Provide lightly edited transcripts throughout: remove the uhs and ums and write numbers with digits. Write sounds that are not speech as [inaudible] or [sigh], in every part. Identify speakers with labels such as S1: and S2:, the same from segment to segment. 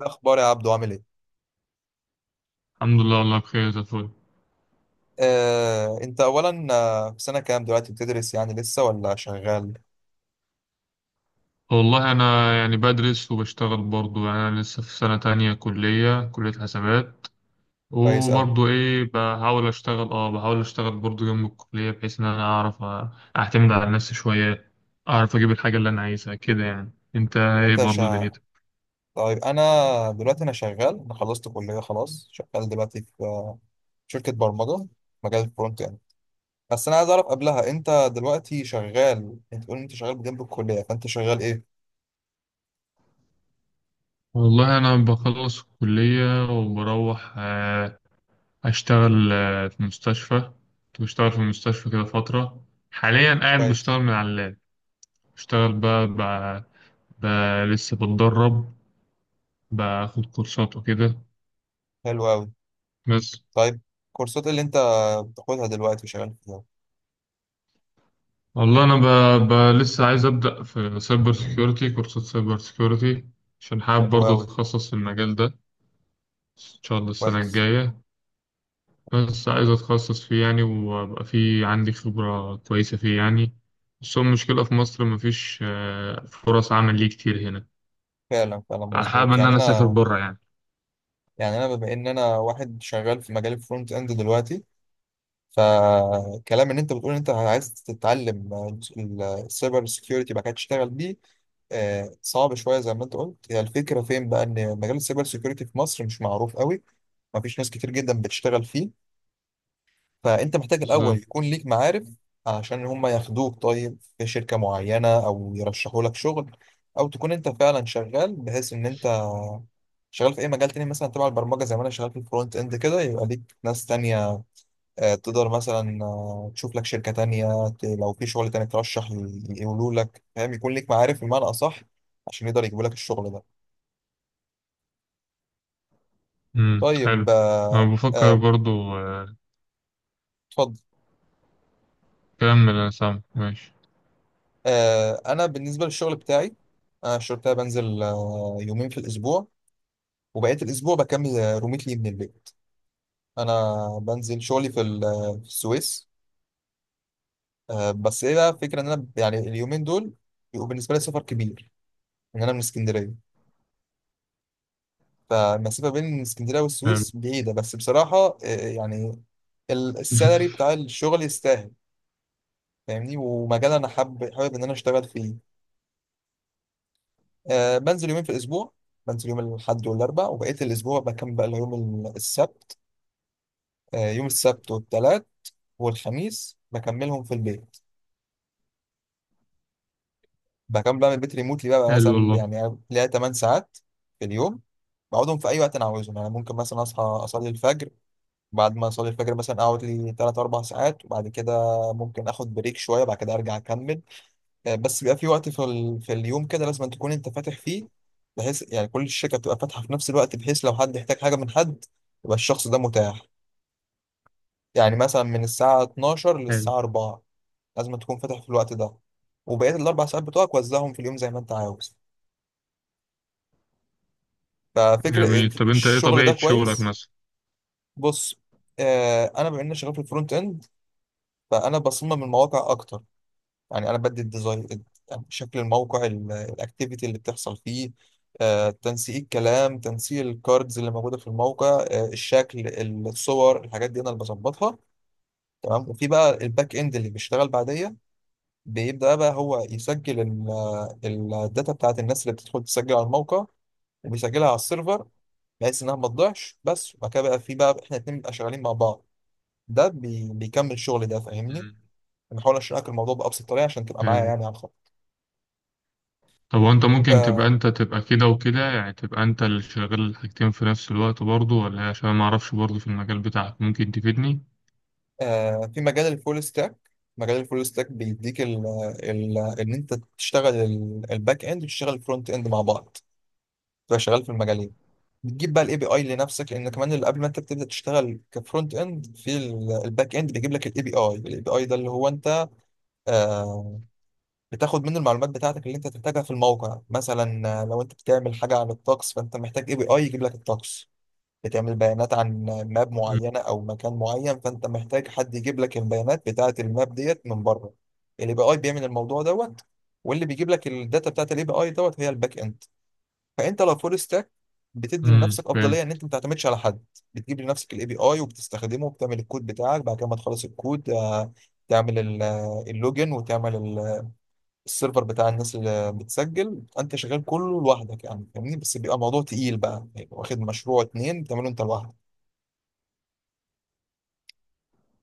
S1: إيه اخبار يا عبدو؟ عامل ايه؟
S2: الحمد لله، والله بخير زي الفل.
S1: انت اولا، في سنه كام دلوقتي؟ بتدرس يعني لسه ولا شغال؟
S2: والله أنا يعني بدرس وبشتغل برضه، يعني أنا لسه في سنة تانية كلية حسابات.
S1: كويس قوي.
S2: وبرضه إيه بحاول أشتغل، بحاول أشتغل برضه جنب الكلية بحيث إن أنا أعرف أعتمد على نفسي شوية. أعرف أجيب الحاجة اللي أنا عايزها كده. يعني أنت إيه
S1: وانت
S2: برضه
S1: شا...
S2: دنيتك؟
S1: طيب انا دلوقتي، انا شغال، انا خلصت كليه خلاص، شغال دلوقتي في شركه برمجه، مجال الفرونت يعني. بس انا عايز اعرف قبلها، انت دلوقتي شغال، انت بتقول إن انت شغال جنب الكليه، فانت شغال ايه؟
S2: والله أنا بخلص الكلية وبروح، أشتغل في مستشفى. كنت بشتغل في المستشفى كده فترة. حاليا قاعد
S1: كويس.
S2: بشتغل من على اللاب. بشتغل بقى، لسه بتدرب. باخد كورسات وكده.
S1: حلو قوي.
S2: بس
S1: طيب الكورسات اللي انت بتاخدها دلوقتي شغال فيها؟
S2: والله انا لسه عايز ابدا في سايبر سيكيورتي، كورسات سايبر سيكيورتي، عشان حابب
S1: حلو
S2: برضه
S1: قوي.
S2: اتخصص في المجال ده ان شاء الله السنه
S1: كويس.
S2: الجايه. بس عايز اتخصص فيه يعني وابقى فيه عندي خبره كويسه فيه يعني. بس هو المشكله في مصر مفيش فرص عمل ليه كتير هنا.
S1: فعلا فعلا
S2: حابب
S1: مظبوط.
S2: ان
S1: يعني
S2: انا اسافر
S1: انا،
S2: بره يعني.
S1: يعني انا بما ان انا واحد شغال في مجال الفرونت اند دلوقتي، فكلام ان انت بتقول ان انت عايز تتعلم السايبر سيكيورتي بقى كده تشتغل بيه، صعب شويه زي ما انت قلت. هي الفكره فين بقى؟ ان مجال السايبر سيكيورتي في مصر مش معروف قوي، مفيش ناس كتير جدا بتشتغل فيه، فانت محتاج الاول
S2: بالظبط.
S1: يكون ليك معارف عشان هم ياخدوك طيب في شركه معينه او يرشحوا لك شغل، او تكون انت فعلا شغال بحيث ان انت شغال في اي مجال تاني مثلا تبع البرمجه زي ما انا شغال في الفرونت اند كده، يبقى ليك ناس تانية تقدر مثلا تشوف لك شركه تانية، لو في شغل تاني ترشح، يقولوا لك، فاهم؟ يكون ليك معارف بمعنى اصح عشان يقدر يجيبوا لك الشغل ده.
S2: حلو.
S1: طيب
S2: انا بفكر برضه آه،
S1: اتفضل.
S2: كمل انا سامع، ماشي.
S1: انا بالنسبه للشغل بتاعي، انا الشغل بتاعي بنزل يومين في الاسبوع، وبقيه الاسبوع بكمل روميتلي من البيت. انا بنزل شغلي في في السويس. بس ايه بقى الفكره؟ ان انا يعني اليومين دول بيبقوا بالنسبه لي سفر كبير. يعني انا من اسكندريه، فالمسافه بين اسكندريه
S2: حلو.
S1: والسويس بعيده، بس بصراحه يعني السالري
S2: [laughs]
S1: بتاع الشغل يستاهل، فاهمني؟ ومجال انا حابب ان انا اشتغل فيه. أه، بنزل يومين في الاسبوع، بنزل يوم الاحد والاربع، وبقيه الاسبوع بكمل بقى يوم السبت. أه، يوم السبت والثلاث والخميس بكملهم في البيت، بكمل بقى من البيت ريموتلي. بقى
S2: حلو
S1: مثلا
S2: والله.
S1: يعني ليا 8 ساعات في اليوم، بقعدهم في اي وقت انا عاوزهم. يعني ممكن مثلا اصحى اصلي الفجر، بعد ما اصلي الفجر مثلا اقعد لي 3 4 ساعات، وبعد كده ممكن اخد بريك شويه، بعد كده ارجع اكمل. بس بيبقى في وقت في اليوم كده لازم أن تكون انت فاتح فيه، بحيث يعني كل الشركه بتبقى فاتحه في نفس الوقت، بحيث لو حد يحتاج حاجه من حد يبقى الشخص ده متاح. يعني مثلا من الساعه 12
S2: حلو.
S1: للساعه 4 لازم أن تكون فاتح في الوقت ده، وبقيه الاربع ساعات بتوعك وزعهم في اليوم زي ما انت عاوز. ففكر،
S2: جميل. طب انت ايه
S1: الشغل
S2: طبيعة
S1: ده
S2: شغلك
S1: كويس.
S2: مثلا؟
S1: بص، انا بما اني شغال في الفرونت اند، فانا بصمم المواقع اكتر. يعني انا بدي الديزاين، شكل الموقع، الاكتيفيتي اللي بتحصل فيه، تنسيق الكلام، تنسيق الكاردز اللي موجوده في الموقع، الشكل، الصور، الحاجات دي انا اللي بظبطها. تمام؟ وفي بقى الباك اند اللي بيشتغل بعديا، بيبدأ بقى هو يسجل الداتا بتاعت الناس اللي بتدخل تسجل على الموقع، وبيسجلها على السيرفر بحيث انها ما تضيعش. بس وبعد كده بقى في بقى احنا الاتنين بنبقى شغالين مع بعض. ده بيكمل شغل ده، فاهمني؟
S2: مم.
S1: بنحاول اشرح لك الموضوع بأبسط طريقة عشان تبقى معايا
S2: حلو.
S1: يعني على الخط.
S2: طب وانت ممكن تبقى انت تبقى كده وكده، يعني تبقى انت اللي شغال الحاجتين في نفس الوقت برضه ولا ايه؟ عشان ما اعرفش برضه في المجال بتاعك ممكن تفيدني.
S1: في مجال الفول ستاك، مجال الفول ستاك بيديك ال ال ان انت تشتغل الباك اند وتشتغل الفرونت اند مع بعض، تبقى شغال في المجالين. بتجيب بقى الاي بي اي لنفسك، لان كمان اللي قبل ما انت بتبدا تشتغل كفرونت اند في الباك اند بيجيب لك الاي بي اي. الاي بي اي ده اللي هو انت آه، بتاخد منه المعلومات بتاعتك اللي انت تحتاجها في الموقع. مثلا لو انت بتعمل حاجه عن الطقس، فانت محتاج اي بي اي يجيب لك الطقس. بتعمل بيانات عن ماب
S2: مم.
S1: معينة أو مكان معين، فأنت محتاج حد يجيب لك البيانات بتاعة الماب ديت من بره. ال API بيعمل الموضوع دوت، واللي بيجيب لك الداتا بتاعة ال API دوت هي الباك إند. فأنت لو فول ستاك، بتدي
S2: مم.
S1: لنفسك
S2: فاهم.
S1: أفضلية إن أنت ما تعتمدش على حد، بتجيب لنفسك ال API وبتستخدمه وبتعمل الكود بتاعك. بعد كده ما تخلص الكود، تعمل اللوجن، وتعمل السيرفر بتاع الناس اللي بتسجل. انت شغال كله لوحدك يعني، فاهمني؟ بس بيبقى موضوع تقيل بقى، يعني واخد مشروع اتنين بتعمله انت لوحدك.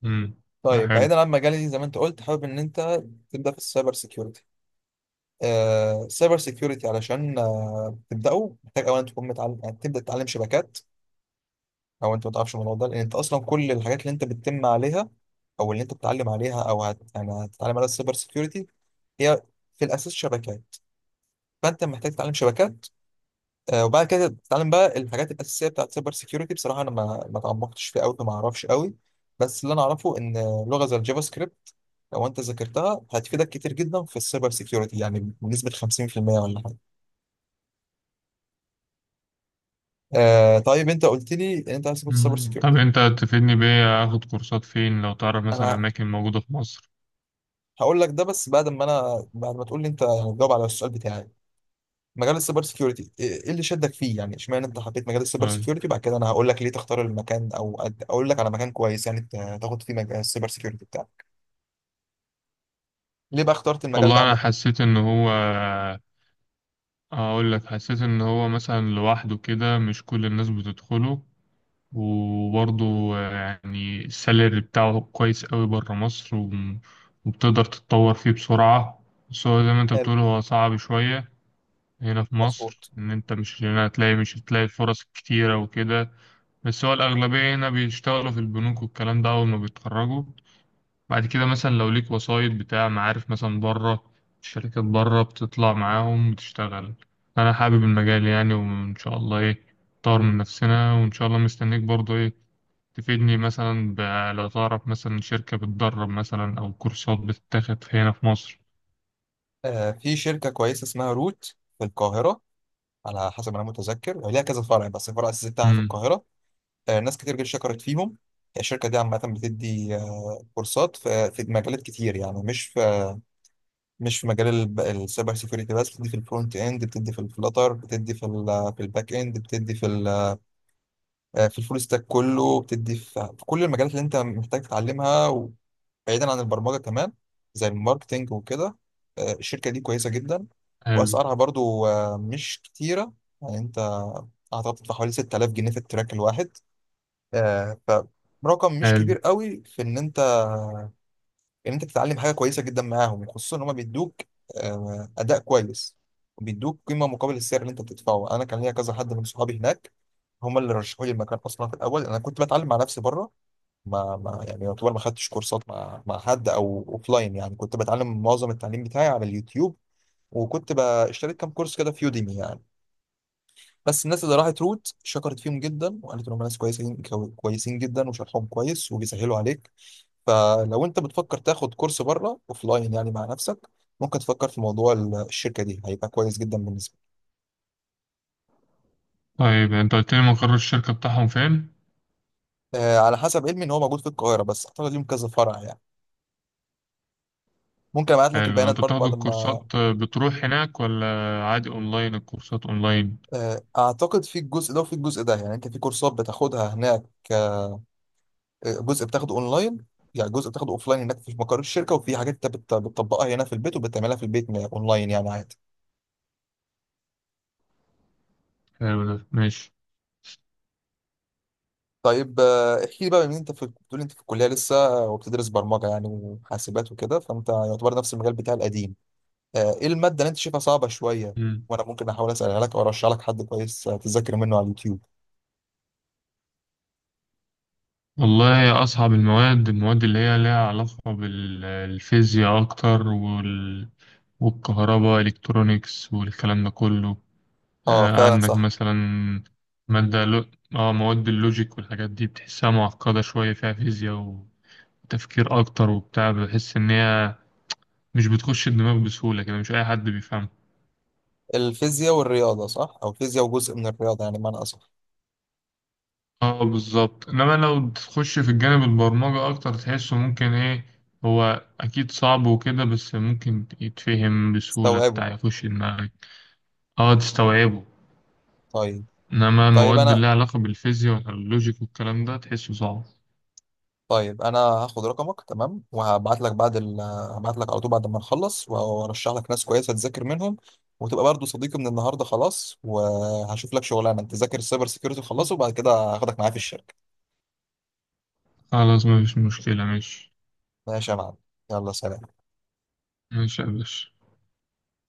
S2: مم. لا،
S1: طيب
S2: حلو.
S1: بعيدا عن مجالي، زي ما انت قلت حابب ان انت تبدا في السايبر سيكيورتي، آه السايبر سيكيورتي علشان آه تبداه، محتاج اولا تكون متعلم، يعني تبدا تتعلم شبكات. او انت ما تعرفش الموضوع ده؟ لان انت اصلا كل الحاجات اللي انت بتتم عليها، او اللي انت بتتعلم عليها، او يعني هتتعلم عليها السايبر سيكيورتي، هي في الاساس شبكات. فانت محتاج تتعلم شبكات، وبعد كده بتتعلم بقى الحاجات الاساسيه بتاعت سايبر سيكيورتي. بصراحه انا ما اتعمقتش فيه قوي فما اعرفش قوي، بس اللي انا اعرفه ان لغه زي الجافا سكريبت لو انت ذاكرتها هتفيدك كتير جدا في السايبر سيكيورتي، يعني بنسبه 50% ولا حاجه. آه طيب، انت قلت لي ان انت عايز تدخل السايبر
S2: مم. طب
S1: سيكيورتي،
S2: انت تفيدني بايه، اخد كورسات فين لو تعرف مثلا
S1: انا
S2: اماكن موجودة في مصر؟
S1: هقول لك ده، بس بعد ما انا بعد ما تقول لي انت يعني، تجاوب على السؤال بتاعي. مجال السايبر سيكيورتي ايه إيه اللي شدك فيه يعني؟ اشمعنى انت حبيت مجال السايبر
S2: طيب.
S1: سيكيورتي؟ وبعد كده انا هقول لك ليه تختار المكان، او اقول لك على مكان كويس يعني تاخد فيه مجال السايبر سيكيورتي. ليه بقى اخترت المجال ده
S2: والله انا
S1: عامة؟
S2: حسيت ان هو، اقول لك حسيت ان هو مثلا لوحده كده مش كل الناس بتدخله. وبرضه يعني السالري بتاعه كويس قوي بره مصر، وبتقدر تتطور فيه بسرعة. بس هو زي ما انت
S1: حلو.
S2: بتقول هو صعب شوية هنا في مصر،
S1: مظبوط.
S2: إن أنت مش هنا هتلاقي، مش هتلاقي الفرص كتيرة وكده. بس هو الأغلبية هنا بيشتغلوا في البنوك والكلام ده أول ما بيتخرجوا. بعد كده مثلا لو ليك وسايط بتاع معارف مثلا بره، شركات بره بتطلع معاهم وتشتغل. أنا حابب المجال يعني، وإن شاء الله إيه نطور من نفسنا، وإن شاء الله مستنيك برضه إيه تفيدني مثلا، لو تعرف مثلا شركة بتدرب مثلا أو كورسات بتتاخد هنا في مصر.
S1: آه في شركة كويسة اسمها روت في القاهرة، على حسب ما أنا متذكر ليها كذا فرع، بس الفرع الأساسي بتاعها في
S2: امم
S1: القاهرة. آه ناس كتير جدا شكرت فيهم. الشركة دي عامة بتدي آه كورسات في مجالات كتير، يعني مش في، مش في مجال السايبر سيكيورتي بس، بتدي في الفرونت اند، بتدي في الفلاتر، بتدي في في الباك اند، بتدي في في الفول ستاك كله، بتدي في كل المجالات اللي انت محتاج تتعلمها، بعيدا عن البرمجه كمان، زي الماركتينج وكده. الشركه دي كويسه جدا،
S2: حلو.
S1: واسعارها برضو مش كتيره. يعني انت اعتقد بتدفع حوالي 6000 جنيه في التراك الواحد، آه، فرقم مش كبير
S2: حلو.
S1: قوي في ان انت، ان انت تتعلم حاجه كويسه جدا معاهم، خصوصا ان هم بيدوك اداء كويس وبيدوك قيمه مقابل السعر اللي انت بتدفعه. انا كان ليا كذا حد من صحابي هناك، هم اللي رشحوا لي المكان اصلا. في الاول انا كنت بتعلم مع نفسي بره، ما يعني يعتبر ما خدتش كورسات مع حد او اوفلاين يعني، كنت بتعلم معظم التعليم بتاعي على اليوتيوب، وكنت اشتريت كام كورس كده في يوديمي يعني. بس الناس اللي راحت روت شكرت فيهم جدا، وقالت انهم ناس كويسين كويسين جدا، وشرحهم كويس وبيسهلوا عليك. فلو انت بتفكر تاخد كورس بره اوفلاين يعني مع نفسك، ممكن تفكر في موضوع الشركه دي، هيبقى كويس جدا بالنسبه
S2: طيب أنت قلت لي مقر الشركة بتاعهم فين؟
S1: لك. على حسب علمي ان هو موجود في القاهره، بس اعتقد ليهم كذا فرع يعني. ممكن ابعت لك
S2: حلو.
S1: البيانات
S2: أنت
S1: برضه
S2: بتاخد
S1: بعد ما،
S2: الكورسات بتروح هناك، ولا عادي أونلاين الكورسات أونلاين؟
S1: اعتقد في الجزء ده وفي الجزء ده، يعني انت في كورسات بتاخدها هناك، آه، جزء بتاخده اونلاين، يعني جزء بتاخده اوفلاين هناك في مقر الشركه، وفي حاجات انت بتطبقها هنا في البيت وبتعملها في البيت، اونلاين يعني عادي.
S2: حلو ده ماشي.
S1: طيب احكي لي بقى من انت، في بتقول انت في الكليه لسه وبتدرس برمجه يعني وحاسبات وكده، فانت يعتبر نفس المجال بتاع القديم، ايه الماده اللي انت شايفها صعبه شويه؟
S2: مم.
S1: وانا ممكن احاول اسالها لك، او ارشح لك حد كويس تذاكر منه على اليوتيوب.
S2: والله أصعب المواد اللي هي لها علاقة بالفيزياء أكتر، والكهرباء إلكترونيكس والكلام ده كله
S1: اه
S2: آه،
S1: فعلا
S2: عندك
S1: صح.
S2: مثلا مادة. اه مواد اللوجيك والحاجات دي بتحسها معقدة شوية، فيها فيزياء وتفكير أكتر وبتاع. بحس إن هي مش بتخش الدماغ بسهولة كده، مش أي حد بيفهمها.
S1: الفيزياء والرياضه صح، او فيزياء وجزء من الرياضه يعني معنى اصح.
S2: اه بالظبط. إنما لو تخش في الجانب البرمجة أكتر تحسه ممكن إيه، هو أكيد صعب وكده بس ممكن يتفهم بسهولة،
S1: استوعبه.
S2: بتاع يخش دماغك. اه تستوعبه.
S1: طيب.
S2: إنما
S1: طيب
S2: المواد اللي
S1: انا
S2: لها علاقة بالفيزياء واللوجيك والكلام ده تحسه صعب.
S1: طيب انا هاخد رقمك تمام، وهبعت لك بعد هبعت لك على طول بعد ما نخلص، وارشح لك ناس كويسه تذاكر منهم، وتبقى برضو صديقي من النهارده خلاص. وهشوف لك شغلانه، انت ذاكر السايبر سيكيورتي خلصه، وبعد كده هاخدك معايا في الشركه.
S2: خلاص مفيش مشكلة، ماشي.
S1: ماشي يا معلم، يلا سلام.
S2: ماشي يا باشا.